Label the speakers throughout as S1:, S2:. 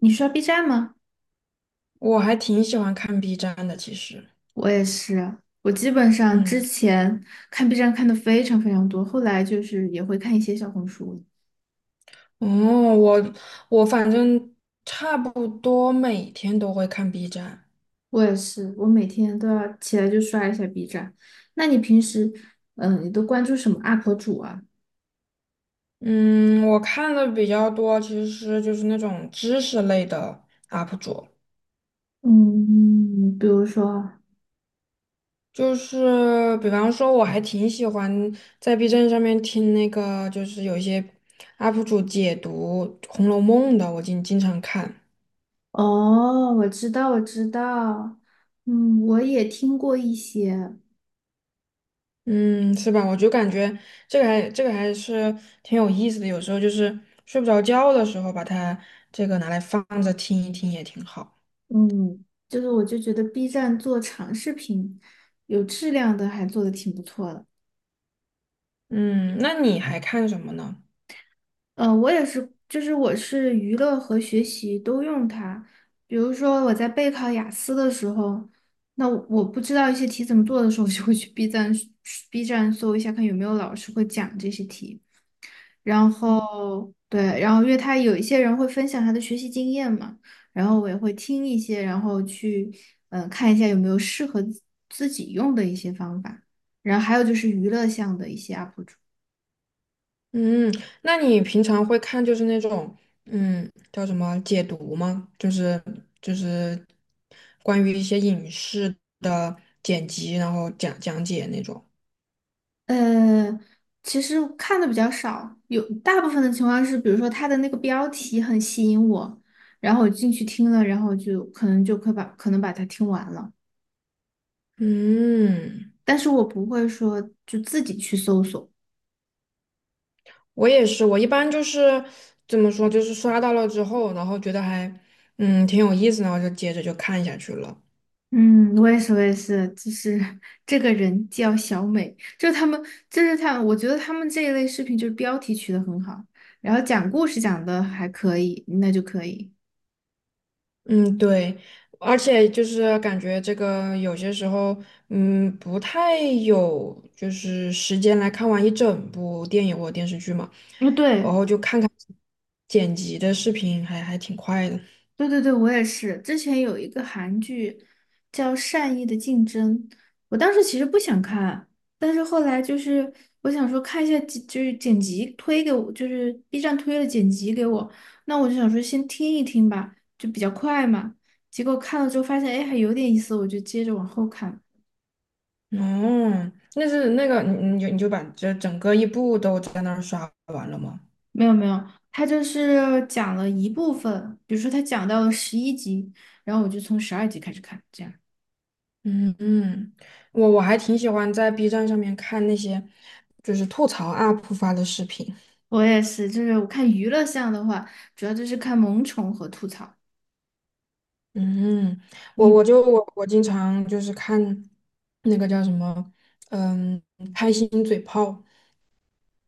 S1: 你刷 B 站吗？
S2: 我还挺喜欢看 B 站的，其实，
S1: 我也是，我基本上之
S2: 嗯，
S1: 前看 B 站看的非常非常多，后来就是也会看一些小红书。
S2: 哦，我我反正差不多每天都会看 B 站。
S1: 我也是，我每天都要起来就刷一下 B 站。那你平时，你都关注什么 UP 主啊？
S2: 嗯，我看的比较多，其实就是那种知识类的 UP 主，
S1: 嗯，比如说，
S2: 就是比方说，我还挺喜欢在 B 站上面听那个，就是有一些 UP 主解读《红楼梦》的，我经常看。
S1: 哦，我知道，我知道，嗯，我也听过一些，
S2: 嗯，是吧？我就感觉这个还是挺有意思的，有时候就是睡不着觉的时候，把它这个拿来放着听一听也挺好。
S1: 嗯，就是我就觉得 B 站做长视频，有质量的还做的挺不错的。
S2: 嗯，那你还看什么呢？
S1: 我也是，就是我是娱乐和学习都用它。比如说我在备考雅思的时候，那我不知道一些题怎么做的时候，我就会去 B 站 搜一下，看有没有老师会讲这些题。然后对，然后因为他有一些人会分享他的学习经验嘛，然后我也会听一些，然后去看一下有没有适合自己用的一些方法。然后还有就是娱乐项的一些 UP主。
S2: 嗯，那你平常会看就是那种叫什么解读吗？就是关于一些影视的剪辑，然后讲解那种。
S1: 呃，其实看的比较少，有大部分的情况是，比如说他的那个标题很吸引我，然后我进去听了，然后我就可能就可以把可能把它听完了，
S2: 嗯。
S1: 但是我不会说就自己去搜索。
S2: 我也是，我一般就是怎么说，就是刷到了之后，然后觉得还挺有意思，然后就接着就看下去了。
S1: 嗯，我也是，我也是，就是这个人叫小美，就是他们我觉得他们这一类视频就是标题取得很好，然后讲故事讲的还可以，那就可以。
S2: 嗯，对，而且就是感觉这个有些时候，嗯，不太有就是时间来看完一整部电影或者电视剧嘛，
S1: 嗯，
S2: 然
S1: 对，
S2: 后就看看剪辑的视频还，还挺快的。
S1: 对对对，我也是。之前有一个韩剧叫《善意的竞争》，我当时其实不想看，但是后来就是我想说看一下剪就是剪辑推给我，就是 B 站推了剪辑给我，那我就想说先听一听吧，就比较快嘛。结果看了之后发现，哎，还有点意思，我就接着往后看。
S2: 哦，那是那个，你就把这整个一部都在那儿刷完了吗？
S1: 没有没有，他就是讲了一部分，比如说他讲到了11集，然后我就从12集开始看，这样。
S2: 嗯嗯，我还挺喜欢在 B 站上面看那些就是吐槽 UP 发的视频。
S1: 我也是，就是我看娱乐项的话，主要就是看萌宠和吐槽。
S2: 嗯，我我
S1: 你
S2: 就我我经常就是看那个叫什么，嗯，开心嘴炮。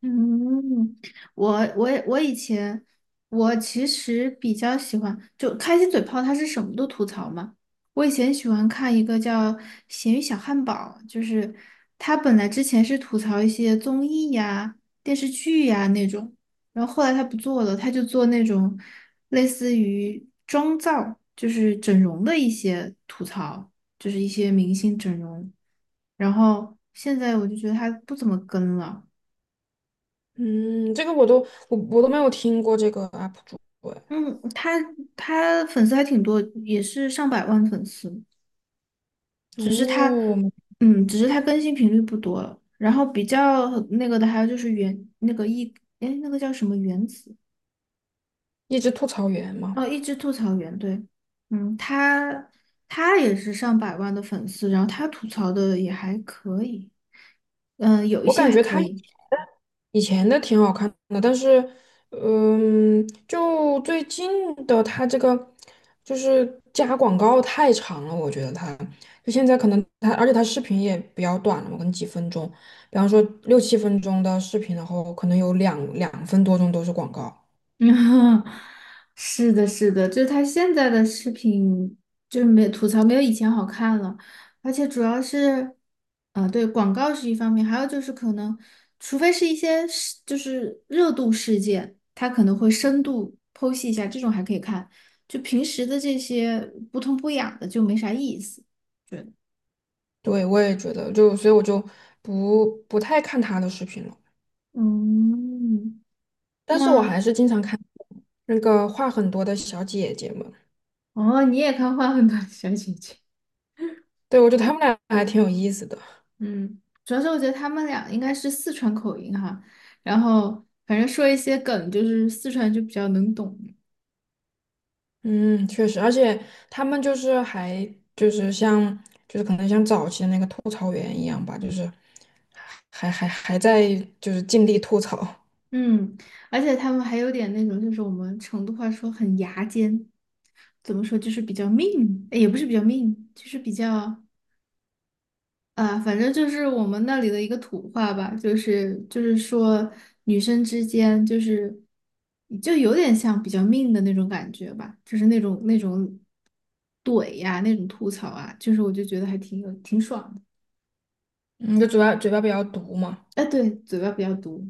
S1: 嗯，我以前我其实比较喜欢，就开心嘴炮，他是什么都吐槽嘛。我以前喜欢看一个叫《咸鱼小汉堡》，就是他本来之前是吐槽一些综艺呀、电视剧呀那种，然后后来他不做了，他就做那种类似于妆造，就是整容的一些吐槽，就是一些明星整容。然后现在我就觉得他不怎么跟了。
S2: 这个我都没有听过这个 UP 主哎。
S1: 嗯，他粉丝还挺多，也是上百万粉丝，只是他，
S2: 哦，
S1: 只是他更新频率不多了。然后比较那个的还有就是原那个一，哎，那个叫什么原子？
S2: 一只吐槽员嘛，
S1: 哦，一只吐槽原对，嗯，他也是上百万的粉丝，然后他吐槽的也还可以，有一
S2: 我
S1: 些
S2: 感
S1: 还
S2: 觉他
S1: 可以。
S2: 以前的挺好看的，但是，嗯，就最近的它这个就是加广告太长了，我觉得它就现在可能它，而且它视频也比较短了嘛，可能几分钟，比方说六七分钟的视频，然后可能有两分多钟都是广告。
S1: 嗯，是的，是的，就是他现在的视频就是没吐槽没有以前好看了，而且主要是，啊、对，广告是一方面，还有就是可能，除非是一些事就是热度事件，他可能会深度剖析一下，这种还可以看，就平时的这些不痛不痒的就没啥意思，对，
S2: 对，我也觉得，就所以我就不太看他的视频了，
S1: 嗯，
S2: 但是我还
S1: 那
S2: 是经常看那个话很多的小姐姐们。
S1: 哦，你也看《花很短的小姐姐》？
S2: 对，我觉得她们俩还挺有意思的。
S1: 嗯，主要是我觉得他们俩应该是四川口音哈，然后反正说一些梗，就是四川就比较能懂。
S2: 嗯，确实，而且他们就是还就是像就是可能像早期的那个吐槽员一样吧，就是还还还在就是尽力吐槽。
S1: 嗯，而且他们还有点那种，就是我们成都话说很牙尖，怎么说就是比较命，哎也不是比较命，就是比较。啊，反正就是我们那里的一个土话吧，就是说女生之间就是就有点像比较命的那种感觉吧，就是那种怼呀、那种吐槽啊，就是我就觉得还挺爽的。
S2: 嗯，就嘴巴比较毒嘛。
S1: 哎，对，嘴巴比较毒。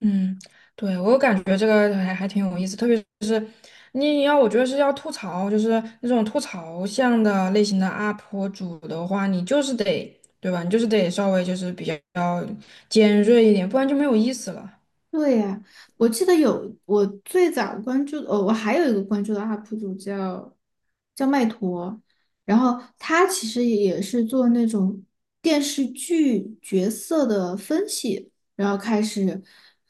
S2: 嗯，对，我感觉这个还挺有意思，特别是我觉得是要吐槽，就是那种吐槽向的类型的 UP 主的话，你就是得对吧，你就是得稍微就是比较尖锐一点，不然就没有意思了。
S1: 对呀，我记得有我最早关注，哦，我还有一个关注的 UP 主叫麦陀，然后他其实也是做那种电视剧角色的分析，然后开始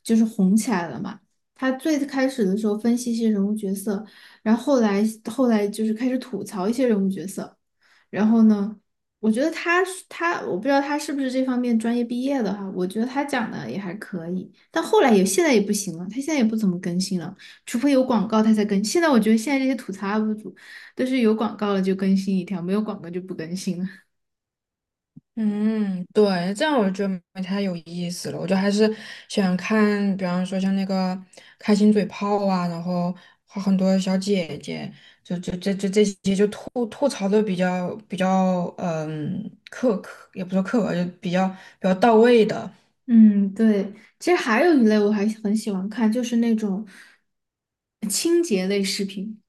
S1: 就是红起来了嘛。他最开始的时候分析一些人物角色，然后后来就是开始吐槽一些人物角色，然后呢？我觉得他是他，我不知道他是不是这方面专业毕业的哈。我觉得他讲的也还可以，但后来也现在也不行了，他现在也不怎么更新了，除非有广告他才更新。现在我觉得现在这些吐槽 UP 主都是有广告了就更新一条，没有广告就不更新了。
S2: 嗯，对，这样我就觉得没太有意思了。我就还是喜欢看，比方说像那个开心嘴炮啊，然后和很多小姐姐吐槽的比较，嗯，也不说刻薄，就比较到位的。
S1: 嗯，对。其实还有一类我还很喜欢看，就是那种清洁类视频。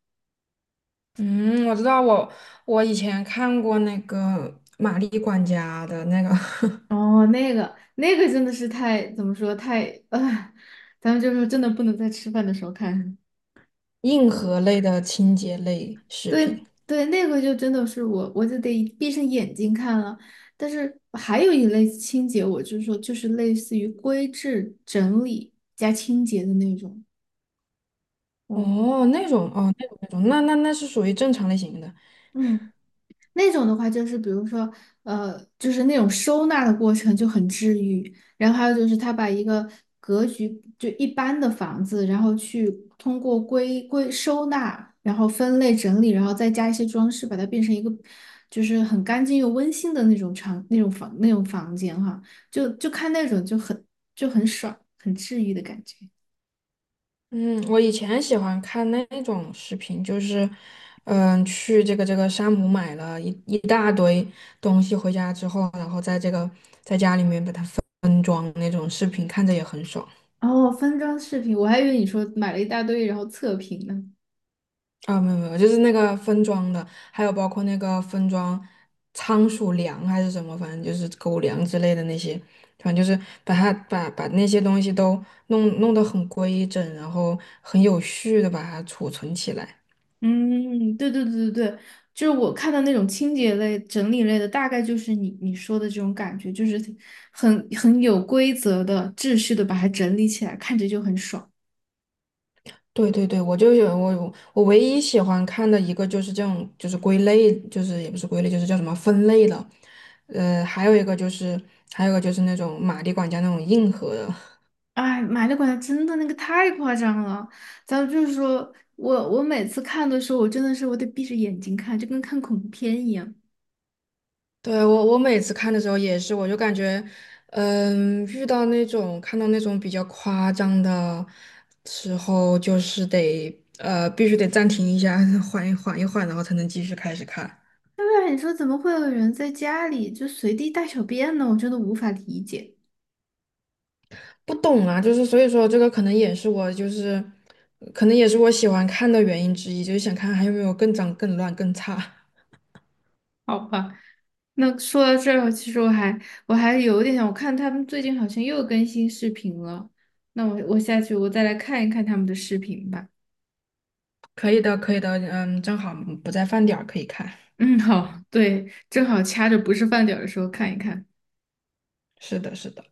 S2: 嗯，我知道我，我以前看过那个玛丽管家的那个
S1: 哦，那个真的是太怎么说太啊，咱们就是真的不能在吃饭的时候看。
S2: 硬核类的清洁类视频。
S1: 对对，那个就真的是我就得闭上眼睛看了。但是还有一类清洁，我就是说，就是类似于规制、整理加清洁的那种。嗯
S2: 哦，那种哦，那种那种，那那那是属于正常类型的。
S1: 嗯，那种的话，就是比如说，就是那种收纳的过程就很治愈。然后还有就是，他把一个格局就一般的房子，然后去通过归收纳，然后分类整理，然后再加一些装饰，把它变成一个就是很干净又温馨的那种房间哈。就看那种就很爽，很治愈的感觉。
S2: 嗯，我以前喜欢看那种视频，就是，嗯，去这个山姆买了一大堆东西回家之后，然后在这个在家里面把它分装那种视频，看着也很爽。
S1: 哦，分装视频，我还以为你说买了一大堆然后测评呢。
S2: 没有，就是那个分装的，还有包括那个分装仓鼠粮还是什么，反正就是狗粮之类的那些，反正就是把它把把那些东西都弄得很规整，然后很有序的把它储存起来。
S1: 嗯，对对对对对，就是我看到那种清洁类、整理类的，大概就是你说的这种感觉，就是很有规则的、秩序的把它整理起来，看着就很爽。
S2: 对对对，我就有我我唯一喜欢看的一个就是这种，就是归类，就是也不是归类，就是叫什么分类了，呃，还有一个就是还有一个就是那种马里管家那种硬核的。
S1: 哎，买力管家真的那个太夸张了，咱们就是说我每次看的时候，我真的是我得闭着眼睛看，就跟看恐怖片一样。
S2: 对，我我每次看的时候也是，我就感觉，嗯，遇到那种看到那种比较夸张的时候，就是得必须得暂停一下。缓一缓，然后才能继续开始看。
S1: 对不然你说怎么会有人在家里就随地大小便呢？我真的无法理解。
S2: 不懂啊，就是所以说这个可能也是我喜欢看的原因之一，就是想看还有没有更脏、更乱、更差。
S1: 好吧。那说到这儿，其实我还有点想，我看他们最近好像又更新视频了。那我下去我再来看一看他们的视频吧。
S2: 可以的，可以的，嗯，正好不在饭点儿可以看。
S1: 嗯，好，对，正好掐着不是饭点儿的时候看一看。
S2: 是的，是的。